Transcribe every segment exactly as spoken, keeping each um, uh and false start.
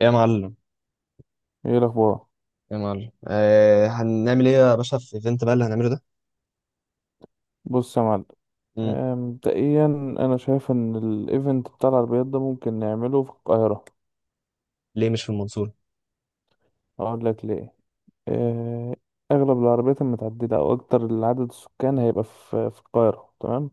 يا معلم، ايه الاخبار. يا معلم، آه هنعمل ايه يا باشا في الايفنت بقى اللي هنعمله ده؟ بص يا معلم. مم. آه، مبدئيا انا شايف ان الايفنت بتاع العربيات ده ممكن نعمله في القاهره. ليه مش في المنصورة؟ اقول لك ليه. آه، اغلب العربيات المتعدله او اكتر العدد السكان هيبقى في في القاهره. تمام،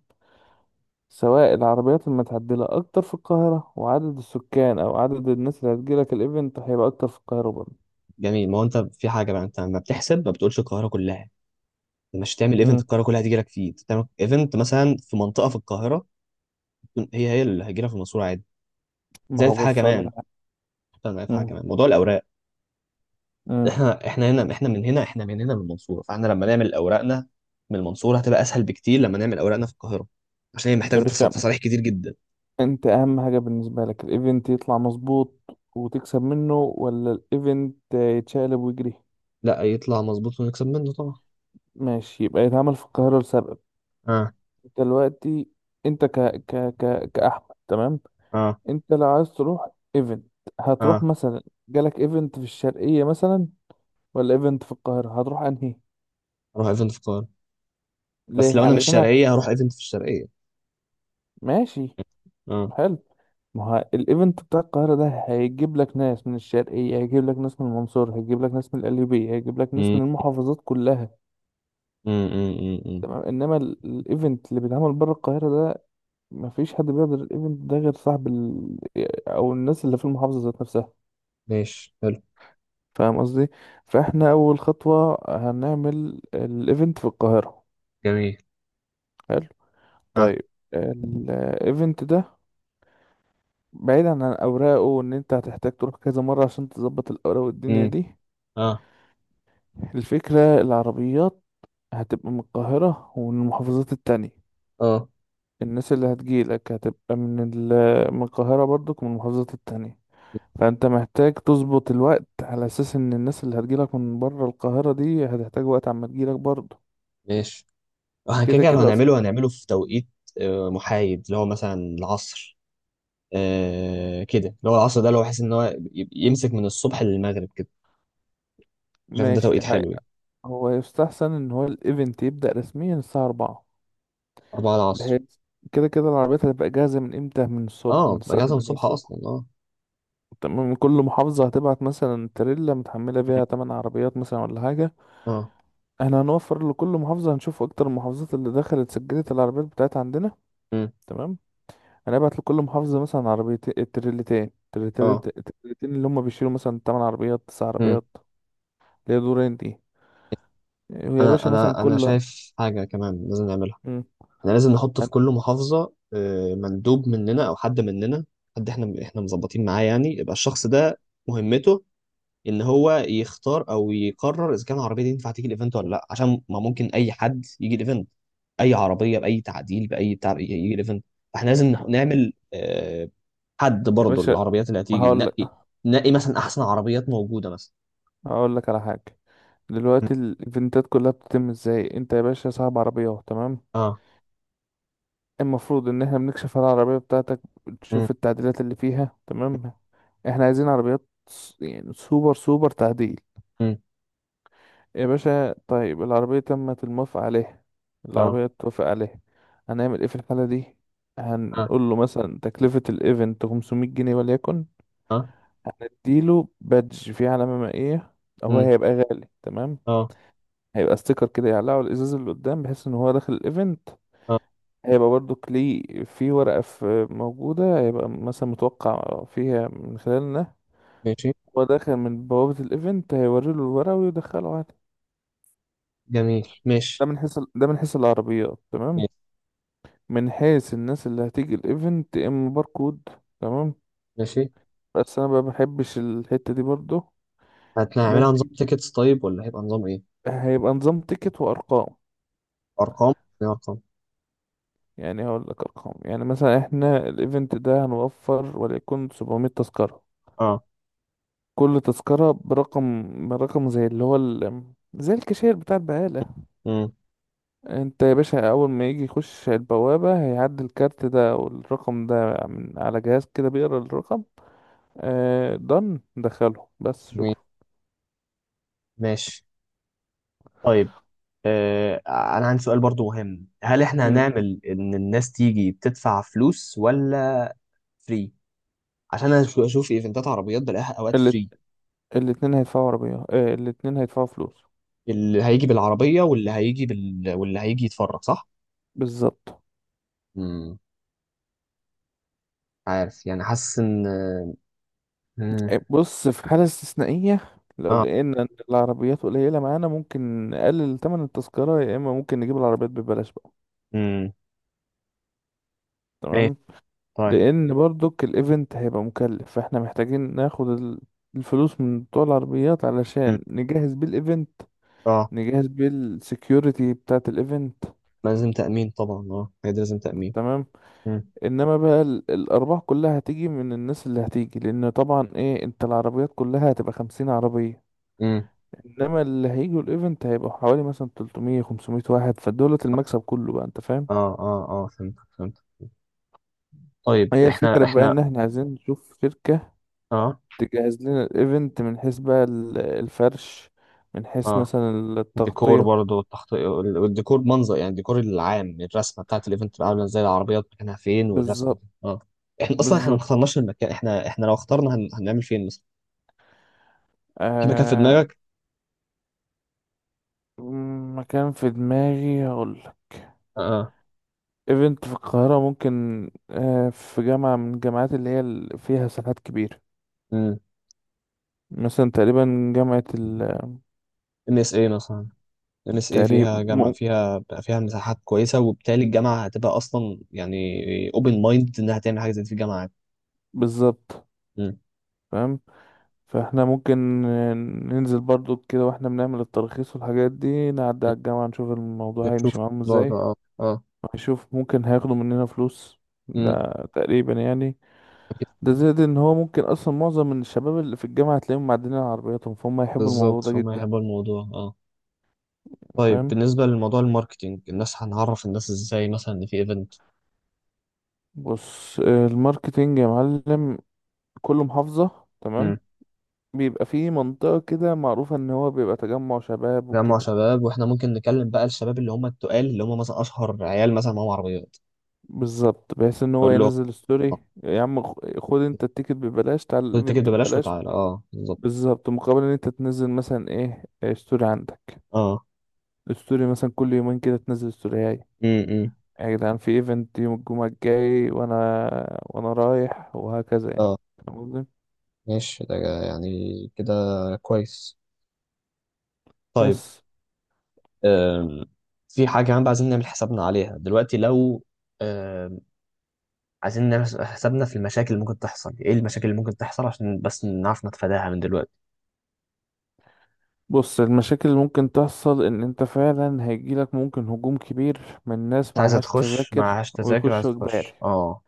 سواء العربيات المتعدله اكتر في القاهره، وعدد السكان او عدد الناس اللي هتجيلك الايفنت هيبقى اكتر في القاهره برضه. جميل، ما هو انت في حاجة بقى، انت ما بتحسب، ما بتقولش القاهرة كلها. أنت مش هتعمل ايفنت مم. القاهرة كلها هتيجي لك فيه، أنت بتعمل ايفنت مثلا في منطقة في القاهرة، تكون هي هي اللي هتجي لك في المنصورة عادي. ما زائد هو في حاجة بص اقول لك كمان، على- استنى في حاجة مم. كمان، موضوع الأوراق. مم. احنا احنا هنا، احنا من هنا احنا من هنا من المنصورة، فاحنا لما نعمل أوراقنا من المنصورة هتبقى أسهل بكتير لما نعمل أوراقنا في القاهرة، عشان هي يا محتاجة تص- باشا، تصاريح كتير جدا. انت اهم حاجة بالنسبة لك الايفنت يطلع مظبوط وتكسب منه، ولا الايفنت يتشقلب ويجري؟ لا، يطلع مظبوط ونكسب منه طبعا. ماشي، يبقى يتعمل في القاهرة لسبب. اه انت دلوقتي، انت ك ك ك كأحمد، تمام؟ اه انت لو عايز تروح ايفنت، هتروح اه. مثلا، جالك ايفنت في الشرقية مثلا ولا ايفنت في القاهرة، هتروح انهي؟ اروح ايفنت في القاهره. بس ليه لو انا مش علشان ه- شرقيه هروح ايفنت في الشرقيه. ماشي، اه. حلو. ما هو الايفنت بتاع القاهرة ده هيجيب لك ناس من الشرقية، هيجيب لك ناس من المنصورة، هيجيب لك ناس من القليوبية، هيجيب لك ناس مم. من المحافظات كلها. مم. مم. مم. مم. تمام، انما ال- الايفنت اللي بيتعمل بره القاهره ده مفيش حد بيقدر الايفنت ده غير صاحب ال... او الناس اللي في المحافظه ذات نفسها. ماشي. حلو. فاهم قصدي؟ فاحنا اول خطوه هنعمل الايفنت في القاهره. جميل. حلو، اه. طيب. الايفنت ده، بعيدا عن اوراقه وان انت هتحتاج تروح كذا مره عشان تظبط الاوراق والدنيا مم. دي، اه الفكره العربيات هتبقى من القاهره ومن المحافظات التانية. اه. الناس اللي هتجيلك هتبقى من ال... من القاهره برضك ومن المحافظات التانية. فانت محتاج تظبط الوقت على اساس ان الناس اللي هتجيلك من بره القاهرة دي هتحتاج وقت عما تجيلك برضه. ماشي. احنا كده كده كده لو كده أص... هنعمله هنعمله في توقيت آه، محايد، اللي هو مثلا العصر. آه، كده اللي هو العصر ده، اللي هو بحيث ان هو ي- يمسك من الصبح للمغرب كده. شايف ان ده ماشي، توقيت هي- حلو يعني؟ هو يستحسن ان هو الايفنت يبدأ رسميا الساعة الرابعة. أربعة العصر. بحيث كده كده العربيات هتبقى جاهزة من امتى؟ من الصبح، من اه، بتبقى الساعة جاهزة من الثامنة الصبح الصبح. أصلا، اه. تمام، كل محافظة هتبعت مثلا تريلا متحملة فيها تمن عربيات مثلا ولا حاجة. اه. احنا هنوفر لكل محافظة، هنشوف اكتر المحافظات اللي دخلت سجلت العربيات بتاعتها عندنا. مم. تمام، هنبعت لكل محافظة مثلا عربيتين. التريلتين التريلتين اه. التريلتين اللي هم بيشيلوا مثلا تمن عربيات تسع مم. عربيات اللي هي دورين دي. ويا أنا باشا مثلا أنا أنا كل، شايف حاجة كمان لازم نعملها. مم. احنا لازم نحط في كل محافظة آه، مندوب مننا او حد مننا، حد احنا احنا مظبطين معاه يعني، يبقى الشخص ده مهمته، ان هو يختار او يقرر اذا كان العربية دي ينفع تيجي الايفنت ولا لا، عشان ما ممكن اي حد يجي الايفنت، اي عربية باي تعديل باي بتاع يجي الايفنت. فاحنا لازم نح- نعمل آه، حد يا برضه باشا، العربيات اللي هتيجي هقول ننقي، لك ننقي مثلا احسن عربيات موجودة مثلا. هقول لك على حاجة. مم. دلوقتي الايفنتات كلها بتتم ازاي؟ انت يا باشا صاحب عربية، تمام؟ اه. المفروض ان احنا بنكشف على العربية بتاعتك، مم. تشوف التعديلات اللي فيها، تمام. احنا عايزين عربيات س- يعني سوبر سوبر تعديل. مم. يا باشا، طيب العربية تمت الموافقة عليها، اه العربية اتوافق عليها، هنعمل ايه في الحالة دي؟ اه هنقول له مثلا تكلفة الايفنت خمسمائة جنيه وليكن، اه. اديله بادج فيه علامة مائية، هو مم. هيبقى غالي تمام. اه هيبقى ستيكر كده يعلقه على الازاز اللي قدام، بحيث ان هو داخل الايفنت اه. هيبقى برضو ليه في ورقة في موجودة، هيبقى مثلا متوقع فيها من خلالنا. ماشي. هو داخل من بوابة الايفنت هيوريله الورقة ويدخله عادي. جميل. ده ماشي. من حيث ده من حيث العربيات، تمام. ماشي. من حيث الناس اللي هتيجي الايفنت، يا اما باركود. تمام. ماشي. بس انا بقى بحبش الحتة دي برضو. هنعملها نظام ممكن تيكتس طيب، ولا هيبقى نظام ايه؟ هيبقى نظام تيكت وارقام، ارقام، يعني ارقام. يعني هقول لك ارقام يعني، مثلا احنا الايفنت ده هنوفر وليكن 700 تذكرة. اه. كل تذكرة برقم برقم زي اللي هو ال... زي الكاشير بتاع البقالة. امم انت يا باشا، اول ما يجي يخش البوابة، هيعدي الكارت ده او الرقم ده من على جهاز كده بيقرا الرقم. آه دن دخله بس، جميل. شكرا. ماشي. طيب. آه انا عندي سؤال برضو مهم، هل احنا مم. هنعمل ان الناس تيجي بتدفع فلوس ولا فري؟ عشان انا شو- اشوف ايفنتات عربيات بلاقيها اوقات اللي فري. الاتنين هيدفعوا عربية آه الاتنين هيدفعوا فلوس. اللي هيجي بالعربية واللي هيجي بال... واللي هيجي يتفرج، صح؟ بالظبط. امم عارف، يعني حاسس ان... مم. آه، بص، في حالة استثنائية لو اه. لقينا إن العربيات قليلة معانا ممكن نقلل تمن التذكرة، يا إما ممكن نجيب العربيات ببلاش بقى. امم ماشي. تمام، طيب. لأن برضك الإيفنت هيبقى مكلف، فإحنا محتاجين ناخد ال- الفلوس من بتوع العربيات مم. علشان نجهز بيه الإيفنت، اه. نجهز بيه السكيورتي بتاعة الإيفنت. لازم تأمين طبعا، اه، هي دي لازم تأمين. تمام، مم. انما بقى ال- الارباح كلها هتيجي من الناس اللي هتيجي، لان طبعا ايه، انت العربيات كلها هتبقى خمسين عربية، مم. انما اللي هيجوا الايفنت هيبقوا حوالي مثلا تلتمية خمسمية واحد، فدولة المكسب كله بقى، انت فاهم. اه اه اه. فهمت فهمت. طيب، هي احنا الفكرة بقى احنا ان احنا عايزين نشوف شركة اه تجهز لنا الايفنت، من حيث بقى ال- الفرش، من حيث اه، مثلا الديكور التغطية. برضه، التخطيط والديكور، منظر يعني، الديكور العام، الرسمه بتاعت الايفنت تبقى عامله ازاي، العربيات مكانها فين، والرسمه دي، بالظبط. اه. احنا اصلا احنا ما بالظبط، اخترناش المكان، احنا احنا لو اخترنا هن... هنعمل فين مثلا؟ في مكان في آه دماغك؟ مكان في دماغي هقول، اه. ايفنت في القاهرة، ممكن آه، في جامعة من الجامعات اللي هي ال- فيها ساحات كبيرة، امم مثلا تقريبا جامعة، ام اس اي مثلا. ام اس اي التقريب فيها، جامعه مو- فيها فيها مساحات كويسه، وبالتالي الجامعه هتبقى اصلا يعني اوبن مايند انها تعمل حاجه زي دي في الجامعه عادي. بالظبط. امم فاهم. فاحنا ممكن آه، ننزل برضو كده واحنا بنعمل الترخيص والحاجات دي، نعدي على الجامعة نشوف الموضوع نشوف هيمشي معاهم الموضوع ده، ازاي. اه. اه. هنشوف ممكن هياخدوا مننا فلوس، امم ده تقريبا يعني. ده زائد ان هو ممكن اصلا معظم من الشباب اللي في الجامعة تلاقيهم معدلين على عربياتهم، فهم هيحبوا الموضوع بالظبط، ده فهم جدا. يحبوا الموضوع، اه. طيب فاهم. بالنسبة لموضوع الماركتينج، الناس هنعرف الناس ازاي مثلا ان في ايفنت؟ بص، آه، الماركتينج يا معلم، كل محافظة امم تمام، بيبقى فيه منطقة كده معروفة ان هو بيبقى تجمع شباب جمع وكده. شباب، واحنا ممكن نكلم بقى الشباب اللي هم التقال، اللي هم مثلا اشهر عيال مثلا معاهم عربيات. بالظبط، بحيث ان هو نقول لهم ينزل آه، ستوري. يا عم خ- خد انت التيكت ببلاش، تعال خد التيكت الايفنت ببلاش ببلاش. وتعالى، اه، بالظبط. بالظبط، مقابل ان انت تنزل مثلا ايه إيه ستوري عندك، اه. الستوري مثلا كل يومين كده تنزل ستوري هاي، امم يا جدعان في ايفنت يوم الجمعة الجاي، وانا وانا رايح، وهكذا يعني. اه. فاهم قصدي؟ ماشي. ده يعني كده كويس. طيب. بس. أم. في حاجة كمان بقى، عايزين نعمل حسابنا عليها دلوقتي، لو أم، عايزين نعمل حسابنا في المشاكل اللي ممكن تحصل. ايه المشاكل اللي ممكن تحصل، عشان بس نعرف نتفاداها من دلوقتي؟ بص المشاكل اللي ممكن تحصل ان انت فعلا هيجيلك ممكن هجوم كبير من ناس انت عايزه معهاش تخش تذاكر معهاش تذاكر، ويخشوا عايزه اجباري. تخش، اه،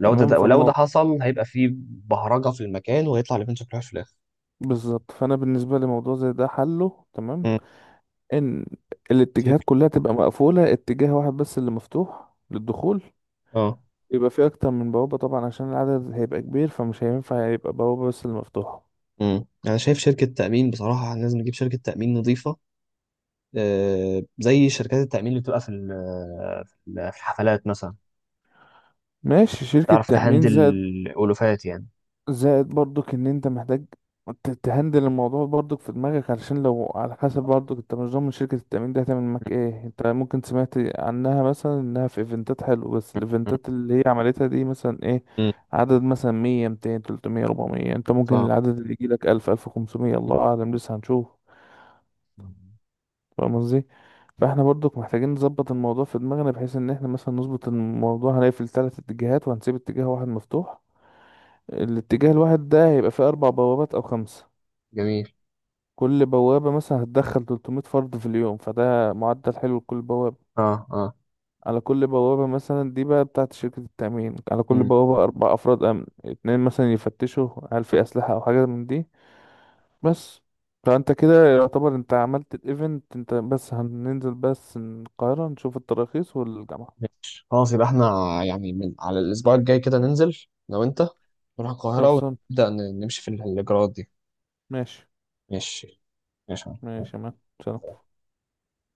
لو ده، تمام ده ولو ده فالموضوع حصل هيبقى فيه بهرجه في المكان ويطلع الايفنت شكلها في الاخر. بالظبط. فانا بالنسبه لموضوع زي ده حله تمام مم. ان الاتجاهات شركة- كلها تبقى مقفوله، اتجاه واحد بس اللي مفتوح للدخول. اه. يبقى فيه اكتر من بوابه طبعا عشان العدد هيبقى كبير، فمش هينفع يبقى بوابه بس اللي مفتوحه. امم انا شايف شركه تامين بصراحه، لازم نجيب شركه تامين نظيفه، آه زي شركات التامين اللي بتبقى في ال- في ال- في الحفلات مثلا. ماشي، شركه تعرف تامين. تهندل زائد الالوفات يعني. زائد برضك ان انت محتاج ت- تهندل الموضوع برضك في دماغك، علشان لو على حسب برضك انت مش ضامن شركة التأمين دي هتعمل معاك ايه. انت ممكن سمعت عنها مثلا انها في ايفنتات حلو، بس مم. الايفنتات اللي هي عملتها دي مثلا ايه، مم. عدد مثلا مية ميتين تلتمية ربعمية، انت ممكن فاهم. العدد اللي يجيلك ألف ألف وخمسمية، الله أعلم لسه هنشوف. فاهم قصدي. فاحنا برضك محتاجين نظبط الموضوع في دماغنا بحيث ان احنا مثلا نظبط الموضوع، هنقفل تلات اتجاهات وهنسيب اتجاه واحد مفتوح. الاتجاه الواحد ده هيبقى فيه أربع بوابات أو خمس، جميل. كل بوابة مثلا هتدخل 300 فرد في اليوم، فده معدل حلو لكل بوابة. اه اه. على كل بوابة مثلا دي بقى بتاعت شركة التأمين، على كل مم. بوابة أربع أفراد أمن، اتنين مثلا يفتشوا هل في أسلحة أو حاجة من دي بس. فأنت كده يعتبر أنت عملت الإيفنت. أنت بس هننزل بس القاهرة نشوف التراخيص والجامعة. ماشي خلاص، يبقى احنا يعني من على الأسبوع الجاي كده ننزل، لو أنت، نروح القاهرة خلصان، ونبدأ ن- نمشي في الإجراءات دي. ماشي. ماشي. ماشي يا عم. ماشي يا مان. سلام.